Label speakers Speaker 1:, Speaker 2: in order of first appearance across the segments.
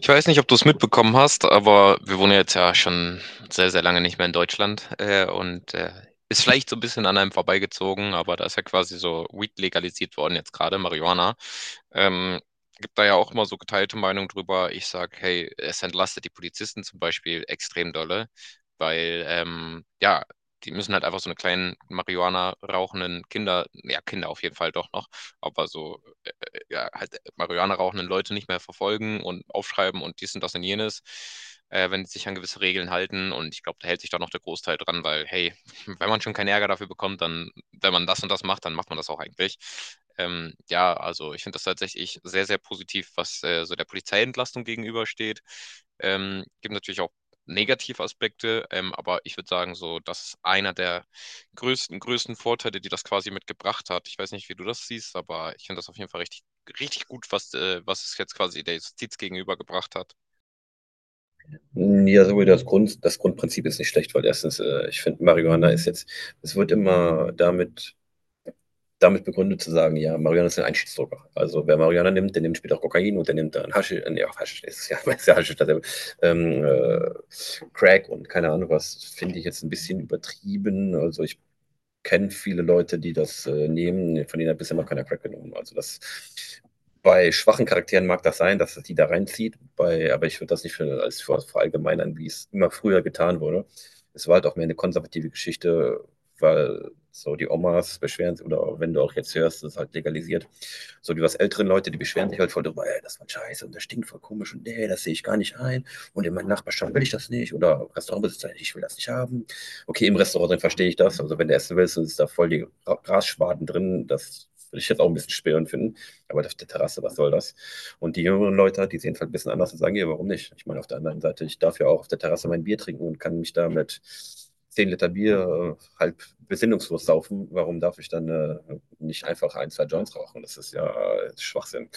Speaker 1: Ich weiß nicht, ob du es mitbekommen hast, aber wir wohnen ja jetzt ja schon sehr, sehr lange nicht mehr in Deutschland und ist vielleicht so ein bisschen an einem vorbeigezogen, aber da ist ja quasi so Weed legalisiert worden jetzt gerade, Marihuana. Ähm, Gibt da ja auch immer so geteilte Meinung drüber. Ich sage, hey, es entlastet die Polizisten zum Beispiel extrem dolle, weil ja, die müssen halt einfach so eine kleinen Marihuana rauchenden Kinder, ja, Kinder auf jeden Fall doch noch, aber so ja, halt Marihuana rauchenden Leute nicht mehr verfolgen und aufschreiben und dies und das und jenes, wenn sie sich an gewisse Regeln halten. Und ich glaube, da hält sich da noch der Großteil dran, weil, hey, wenn man schon keinen Ärger dafür bekommt, dann, wenn man das und das macht, dann macht man das auch eigentlich. Ja, also ich finde das tatsächlich sehr, sehr positiv, was so der Polizeientlastung gegenübersteht. Gibt natürlich auch Negativaspekte, aber ich würde sagen, so, das ist einer der größten, größten Vorteile, die das quasi mitgebracht hat. Ich weiß nicht, wie du das siehst, aber ich finde das auf jeden Fall richtig richtig gut, was es jetzt quasi der Justiz gegenübergebracht hat.
Speaker 2: Ja, sowohl das Grundprinzip ist nicht schlecht, weil erstens, ich finde, Marihuana ist jetzt, es wird immer damit begründet zu sagen, ja, Marihuana ist ein Einstiegsdroger. Also wer Marihuana nimmt, der nimmt später auch Kokain und der nimmt dann Haschisch, nee, auch Haschisch ist ja, ist ja Haschisch, dasselbe, ähm, äh, Crack und keine Ahnung was, finde ich jetzt ein bisschen übertrieben. Also ich kenne viele Leute, die das nehmen. Von denen hat bisher noch keiner Crack genommen. Also das bei schwachen Charakteren mag das sein, dass das die da reinzieht, aber ich würde das nicht für verallgemeinern, wie es immer früher getan wurde. Es war halt auch mehr eine konservative Geschichte, weil so die Omas beschweren sich, oder wenn du auch jetzt hörst, das ist halt legalisiert. So die was älteren Leute, die beschweren sich halt voll drüber, ey, das war scheiße und das stinkt voll komisch und nee, das sehe ich gar nicht ein und in meiner Nachbarschaft will ich das nicht oder Restaurantbesitzer, ich will das nicht haben. Okay, im Restaurant drin verstehe ich das. Also wenn du essen willst, dann ist da voll die Grasschwaden drin. Das würde ich jetzt auch ein bisschen störend finden. Aber auf der Terrasse, was soll das? Und die jüngeren Leute, die sehen es halt ein bisschen anders und sagen, ja, warum nicht? Ich meine, auf der anderen Seite, ich darf ja auch auf der Terrasse mein Bier trinken und kann mich da mit 10 Liter Bier halb besinnungslos saufen. Warum darf ich dann nicht einfach ein, zwei Joints rauchen? Das ist ja Schwachsinn.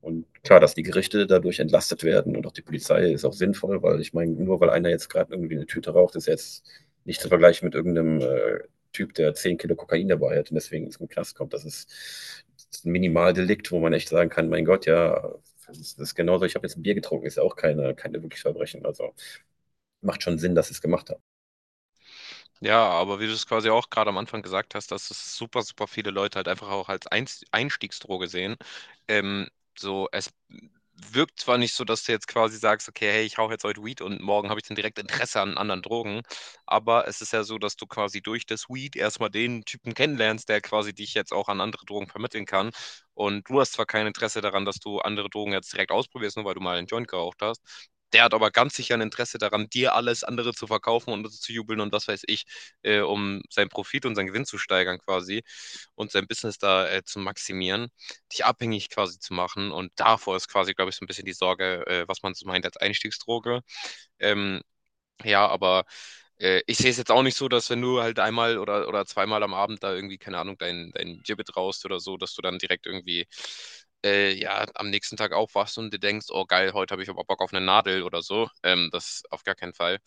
Speaker 2: Und klar, dass die Gerichte dadurch entlastet werden und auch die Polizei ist auch sinnvoll, weil ich meine, nur weil einer jetzt gerade irgendwie eine Tüte raucht, ist jetzt nicht zu vergleichen mit irgendeinem Typ, der 10 Kilo Kokain dabei hat und deswegen ins Knast kommt. Das ist ein Minimaldelikt, wo man echt sagen kann, mein Gott, ja, das ist genauso, ich habe jetzt ein Bier getrunken, ist ja auch keine wirklich Verbrechen. Also macht schon Sinn, dass sie es gemacht haben.
Speaker 1: Ja, aber wie du es quasi auch gerade am Anfang gesagt hast, dass es super, super viele Leute halt einfach auch als Einstiegsdroge sehen. Ähm, so, es wirkt zwar nicht so, dass du jetzt quasi sagst, okay, hey, ich hau jetzt heute Weed und morgen habe ich dann direkt Interesse an anderen Drogen, aber es ist ja so, dass du quasi durch das Weed erstmal den Typen kennenlernst, der quasi dich jetzt auch an andere Drogen vermitteln kann. Und du hast zwar kein Interesse daran, dass du andere Drogen jetzt direkt ausprobierst, nur weil du mal einen Joint geraucht hast. Der hat aber ganz sicher ein Interesse daran, dir alles andere zu verkaufen und zu jubeln und was weiß ich um seinen Profit und seinen Gewinn zu steigern quasi und sein Business da zu maximieren, dich abhängig quasi zu machen. Und davor ist quasi, glaube ich, so ein bisschen die Sorge, was man so meint als Einstiegsdroge. Ähm, ja, aber ich sehe es jetzt auch nicht so, dass wenn du halt einmal oder zweimal am Abend da irgendwie, keine Ahnung, dein Gibbet raust oder so, dass du dann direkt irgendwie ja, am nächsten Tag aufwachst und dir denkst, oh geil, heute habe ich aber Bock auf eine Nadel oder so. Das auf gar keinen Fall.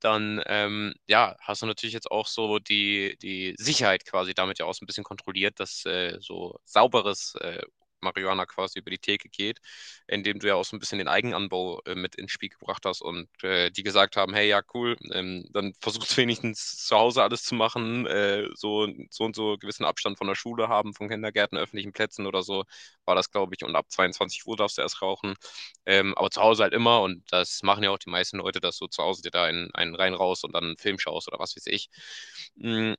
Speaker 1: Dann ja, hast du natürlich jetzt auch so die Sicherheit quasi damit ja auch so ein bisschen kontrolliert, dass so sauberes Marihuana quasi über die Theke geht, indem du ja auch so ein bisschen den Eigenanbau mit ins Spiel gebracht hast und die gesagt haben, hey, ja, cool, dann versucht wenigstens zu Hause alles zu machen, so, so und so gewissen Abstand von der Schule haben, von Kindergärten, öffentlichen Plätzen oder so, war das, glaube ich, und ab 22 Uhr darfst du erst rauchen, aber zu Hause halt immer und das machen ja auch die meisten Leute, dass du zu Hause dir da einen rein raus und dann einen Film schaust oder was weiß ich. Mhm,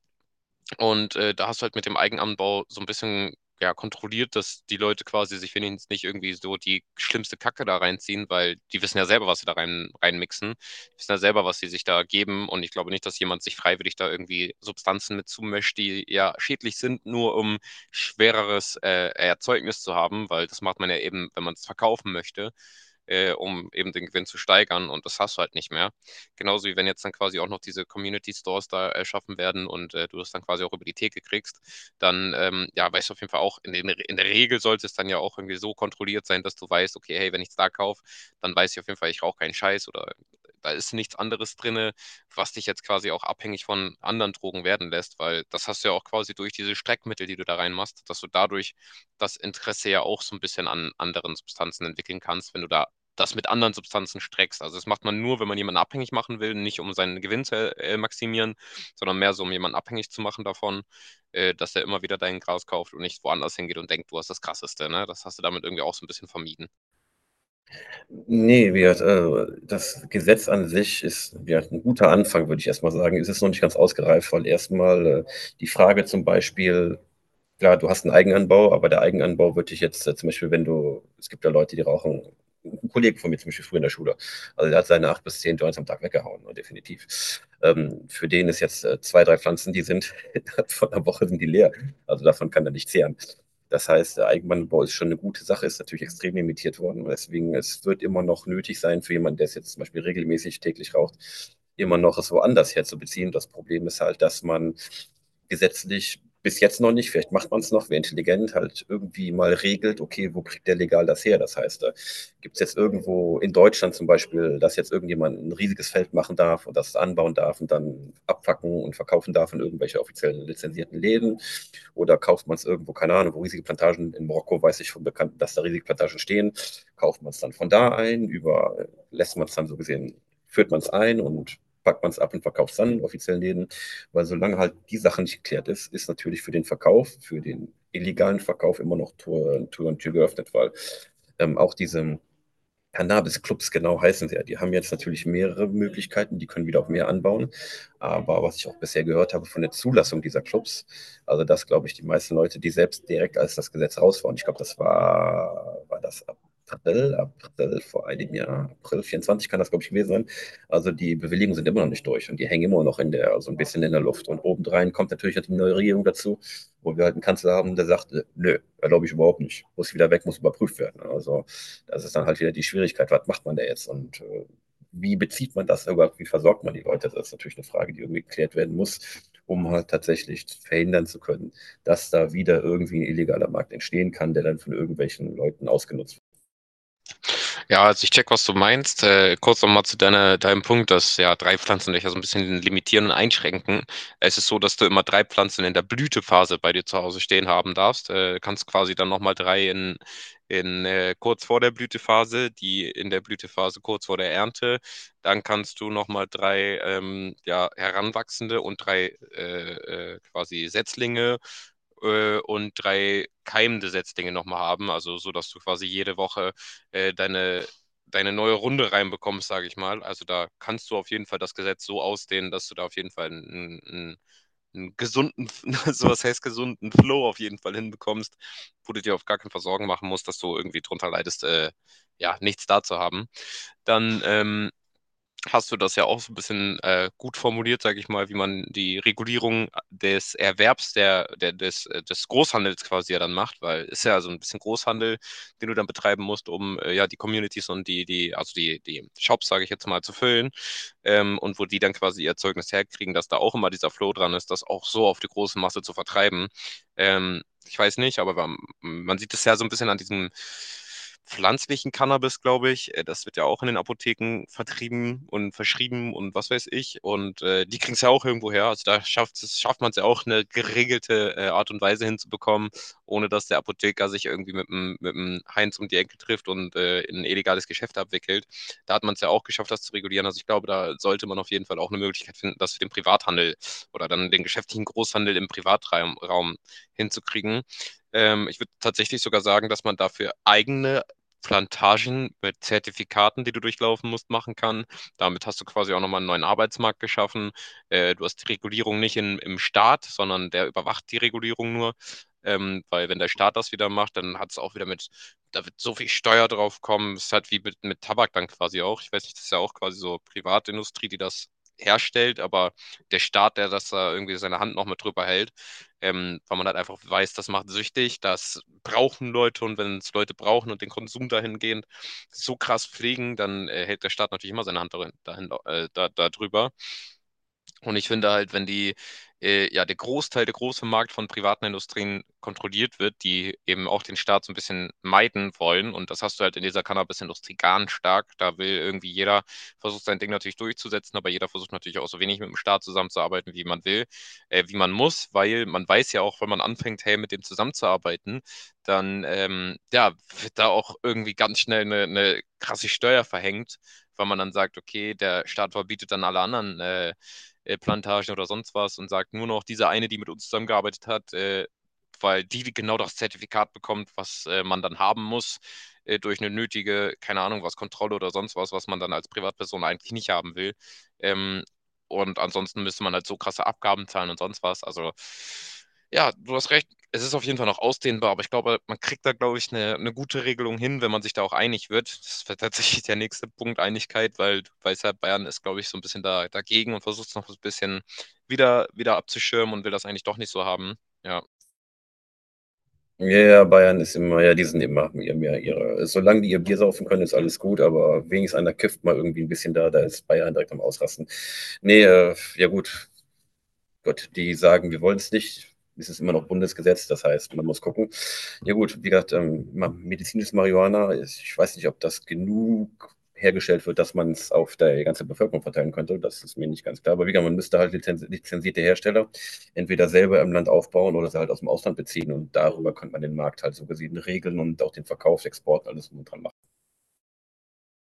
Speaker 1: und da hast du halt mit dem Eigenanbau so ein bisschen ja, kontrolliert, dass die Leute quasi sich wenigstens nicht irgendwie so die schlimmste Kacke da reinziehen, weil die wissen ja selber, was sie da reinmixen. Die wissen ja selber, was sie sich da geben. Und ich glaube nicht, dass jemand sich freiwillig da irgendwie Substanzen mit zumischt, die ja schädlich sind, nur um schwereres Erzeugnis zu haben, weil das macht man ja eben, wenn man es verkaufen möchte, um eben den Gewinn zu steigern. Und das hast du halt nicht mehr. Genauso wie wenn jetzt dann quasi auch noch diese Community Stores da erschaffen werden und du das dann quasi auch über die Theke kriegst, dann ja, weißt du auf jeden Fall auch, in, den, in der Regel sollte es dann ja auch irgendwie so kontrolliert sein, dass du weißt, okay, hey, wenn ich es da kaufe, dann weiß ich auf jeden Fall, ich rauche keinen Scheiß oder da ist nichts anderes drin, was dich jetzt quasi auch abhängig von anderen Drogen werden lässt, weil das hast du ja auch quasi durch diese Streckmittel, die du da reinmachst, dass du dadurch das Interesse ja auch so ein bisschen an anderen Substanzen entwickeln kannst, wenn du da das mit anderen Substanzen streckst. Also das macht man nur, wenn man jemanden abhängig machen will, nicht um seinen Gewinn zu maximieren, sondern mehr so, um jemanden abhängig zu machen davon, dass er immer wieder dein Gras kauft und nicht woanders hingeht und denkt, du hast das Krasseste. Ne? Das hast du damit irgendwie auch so ein bisschen vermieden.
Speaker 2: Nee, wie gesagt, das Gesetz an sich ist, wie gesagt, ein guter Anfang, würde ich erstmal sagen. Es ist noch nicht ganz ausgereift, weil erstmal die Frage zum Beispiel, klar, du hast einen Eigenanbau, aber der Eigenanbau würde ich jetzt, zum Beispiel, wenn du es gibt ja Leute, die rauchen, 'n Kollege von mir zum Beispiel früher in der Schule, also der hat seine 8 bis 10 Joints am Tag weggehauen, ne, definitiv. Für den ist jetzt, 2, 3 Pflanzen, die sind von der Woche sind die leer. Also davon kann er nicht zehren. Das heißt, der Eigenanbau ist schon eine gute Sache, ist natürlich extrem limitiert worden. Deswegen, es wird immer noch nötig sein für jemanden, der es jetzt zum Beispiel regelmäßig täglich raucht, immer noch es woanders herzubeziehen. Das Problem ist halt, dass man gesetzlich bis jetzt noch nicht. Vielleicht macht man es noch, wer intelligent halt irgendwie mal regelt, okay, wo kriegt der legal das her? Das heißt, gibt es jetzt irgendwo in Deutschland zum Beispiel, dass jetzt irgendjemand ein riesiges Feld machen darf und das anbauen darf und dann abfacken und verkaufen darf in irgendwelche offiziellen lizenzierten Läden? Oder kauft man es irgendwo, keine Ahnung, wo riesige Plantagen in Marokko, weiß ich von Bekannten, dass da riesige Plantagen stehen, kauft man es dann von da ein, über, lässt man es dann so gesehen, führt man es ein und packt man es ab und verkauft es dann in offiziellen Läden. Weil solange halt die Sache nicht geklärt ist, ist natürlich für den Verkauf, für den illegalen Verkauf immer noch Tür und Tür geöffnet, weil auch diese Cannabis-Clubs genau heißen sie ja. Die haben jetzt natürlich mehrere Möglichkeiten, die können wieder auf mehr anbauen. Aber was ich auch bisher gehört habe von der Zulassung dieser Clubs, also das glaube ich, die meisten Leute, die selbst direkt als das Gesetz raus waren, ich glaube, das war, war das April, April vor einem Jahr, April 24 kann das glaube ich gewesen sein. Also die Bewilligungen sind immer noch nicht durch und die hängen immer noch in der, so also ein bisschen in der Luft. Und obendrein kommt natürlich die neue Regierung dazu, wo wir halt einen Kanzler haben, der sagt, nö, glaube ich überhaupt nicht, muss wieder weg, muss überprüft werden. Also das ist dann halt wieder die Schwierigkeit, was macht man da jetzt und wie bezieht man das überhaupt, wie versorgt man die Leute? Das ist natürlich eine Frage, die irgendwie geklärt werden muss, um halt tatsächlich verhindern zu können, dass da wieder irgendwie ein illegaler Markt entstehen kann, der dann von irgendwelchen Leuten ausgenutzt wird.
Speaker 1: Ja, also ich check, was du meinst. Kurz nochmal zu deinem Punkt, dass ja drei Pflanzen dich ja so ein bisschen limitieren und einschränken. Es ist so, dass du immer drei Pflanzen in der Blütephase bei dir zu Hause stehen haben darfst. Kannst quasi dann nochmal drei in kurz vor der Blütephase, die in der Blütephase kurz vor der Ernte. Dann kannst du nochmal drei ja, Heranwachsende und drei quasi Setzlinge und drei keimende Setzlinge nochmal haben, also so, dass du quasi jede Woche äh, deine, deine neue Runde reinbekommst, sage ich mal. Also da kannst du auf jeden Fall das Gesetz so ausdehnen, dass du da auf jeden Fall einen gesunden, also was heißt gesunden Flow auf jeden Fall hinbekommst, wo du dir auf gar keinen Fall Sorgen machen musst, dass du irgendwie drunter leidest, ja, nichts da zu haben. Dann hast du das ja auch so ein bisschen gut formuliert, sage ich mal, wie man die Regulierung des Erwerbs des Großhandels quasi ja dann macht, weil es ist ja so ein bisschen Großhandel, den du dann betreiben musst, um ja die Communities und also die Shops, sage ich jetzt mal, zu füllen, und wo die dann quasi ihr Zeugnis herkriegen, dass da auch immer dieser Flow dran ist, das auch so auf die große Masse zu vertreiben. Ich weiß nicht, aber man sieht es ja so ein bisschen an diesem pflanzlichen Cannabis, glaube ich. Das wird ja auch in den Apotheken vertrieben und verschrieben und was weiß ich. Und die kriegen es ja auch irgendwo her. Also da schafft man es ja auch, eine geregelte Art und Weise hinzubekommen, ohne dass der Apotheker sich irgendwie mit dem Heinz um die Ecke trifft und in ein illegales Geschäft abwickelt. Da hat man es ja auch geschafft, das zu regulieren. Also ich glaube, da sollte man auf jeden Fall auch eine Möglichkeit finden, das für den Privathandel oder dann den geschäftlichen Großhandel im Privatraum Raum hinzukriegen. Ich würde tatsächlich sogar sagen, dass man dafür eigene Plantagen mit Zertifikaten, die du durchlaufen musst, machen kann. Damit hast du quasi auch nochmal einen neuen Arbeitsmarkt geschaffen. Du hast die Regulierung nicht in, im Staat, sondern der überwacht die Regulierung nur. Weil wenn der Staat das wieder macht, dann hat es auch wieder mit, da wird so viel Steuer drauf kommen. Es ist halt wie mit Tabak dann quasi auch. Ich weiß nicht, das ist ja auch quasi so Privatindustrie, die das herstellt, aber der Staat, der das da irgendwie seine Hand noch mit drüber hält, weil man halt einfach weiß, das macht süchtig, das brauchen Leute, und wenn es Leute brauchen und den Konsum dahingehend so krass pflegen, dann hält der Staat natürlich immer seine Hand darin, dahin, da drüber. Und ich finde halt, wenn ja, der Großteil, der große Markt von privaten Industrien kontrolliert wird, die eben auch den Staat so ein bisschen meiden wollen, und das hast du halt in dieser Cannabis-Industrie ganz stark, da will irgendwie jeder, versucht sein Ding natürlich durchzusetzen, aber jeder versucht natürlich auch so wenig mit dem Staat zusammenzuarbeiten, wie man will, wie man muss, weil man weiß ja auch, wenn man anfängt, hey, mit dem zusammenzuarbeiten, dann, ja, wird da auch irgendwie ganz schnell eine krasse Steuer verhängt, weil man dann sagt, okay, der Staat verbietet dann alle anderen, Plantagen oder sonst was, und sagt nur noch diese eine, die mit uns zusammengearbeitet hat, weil die genau das Zertifikat bekommt, was man dann haben muss, durch eine nötige, keine Ahnung, was, Kontrolle oder sonst was, was man dann als Privatperson eigentlich nicht haben will. Ähm, und ansonsten müsste man halt so krasse Abgaben zahlen und sonst was. Also ja, du hast recht, es ist auf jeden Fall noch ausdehnbar, aber ich glaube, man kriegt da, glaube ich, eine gute Regelung hin, wenn man sich da auch einig wird. Das wäre tatsächlich der nächste Punkt, Einigkeit, weil du weißt ja, Bayern ist, glaube ich, so ein bisschen dagegen und versucht es noch so ein bisschen wieder abzuschirmen und will das eigentlich doch nicht so haben. Ja,
Speaker 2: Ja, ja, Bayern ist immer, ja, die sind immer ja, mehr ihre. Solange die ihr Bier saufen können, ist alles gut, aber wenigstens einer kifft mal irgendwie ein bisschen da, da ist Bayern direkt am Ausrasten. Nee, ja gut, Gott, die sagen, wir wollen es nicht, ist es immer noch Bundesgesetz, das heißt, man muss gucken. Ja gut, wie gesagt, medizinisches Marihuana, ich weiß nicht, ob das genug hergestellt wird, dass man es auf der ganzen Bevölkerung verteilen könnte, das ist mir nicht ganz klar. Aber wie gesagt, man müsste halt lizenzierte Hersteller entweder selber im Land aufbauen oder sie halt aus dem Ausland beziehen und darüber könnte man den Markt halt so gesehen regeln und auch den Verkauf, Export, alles drum und dran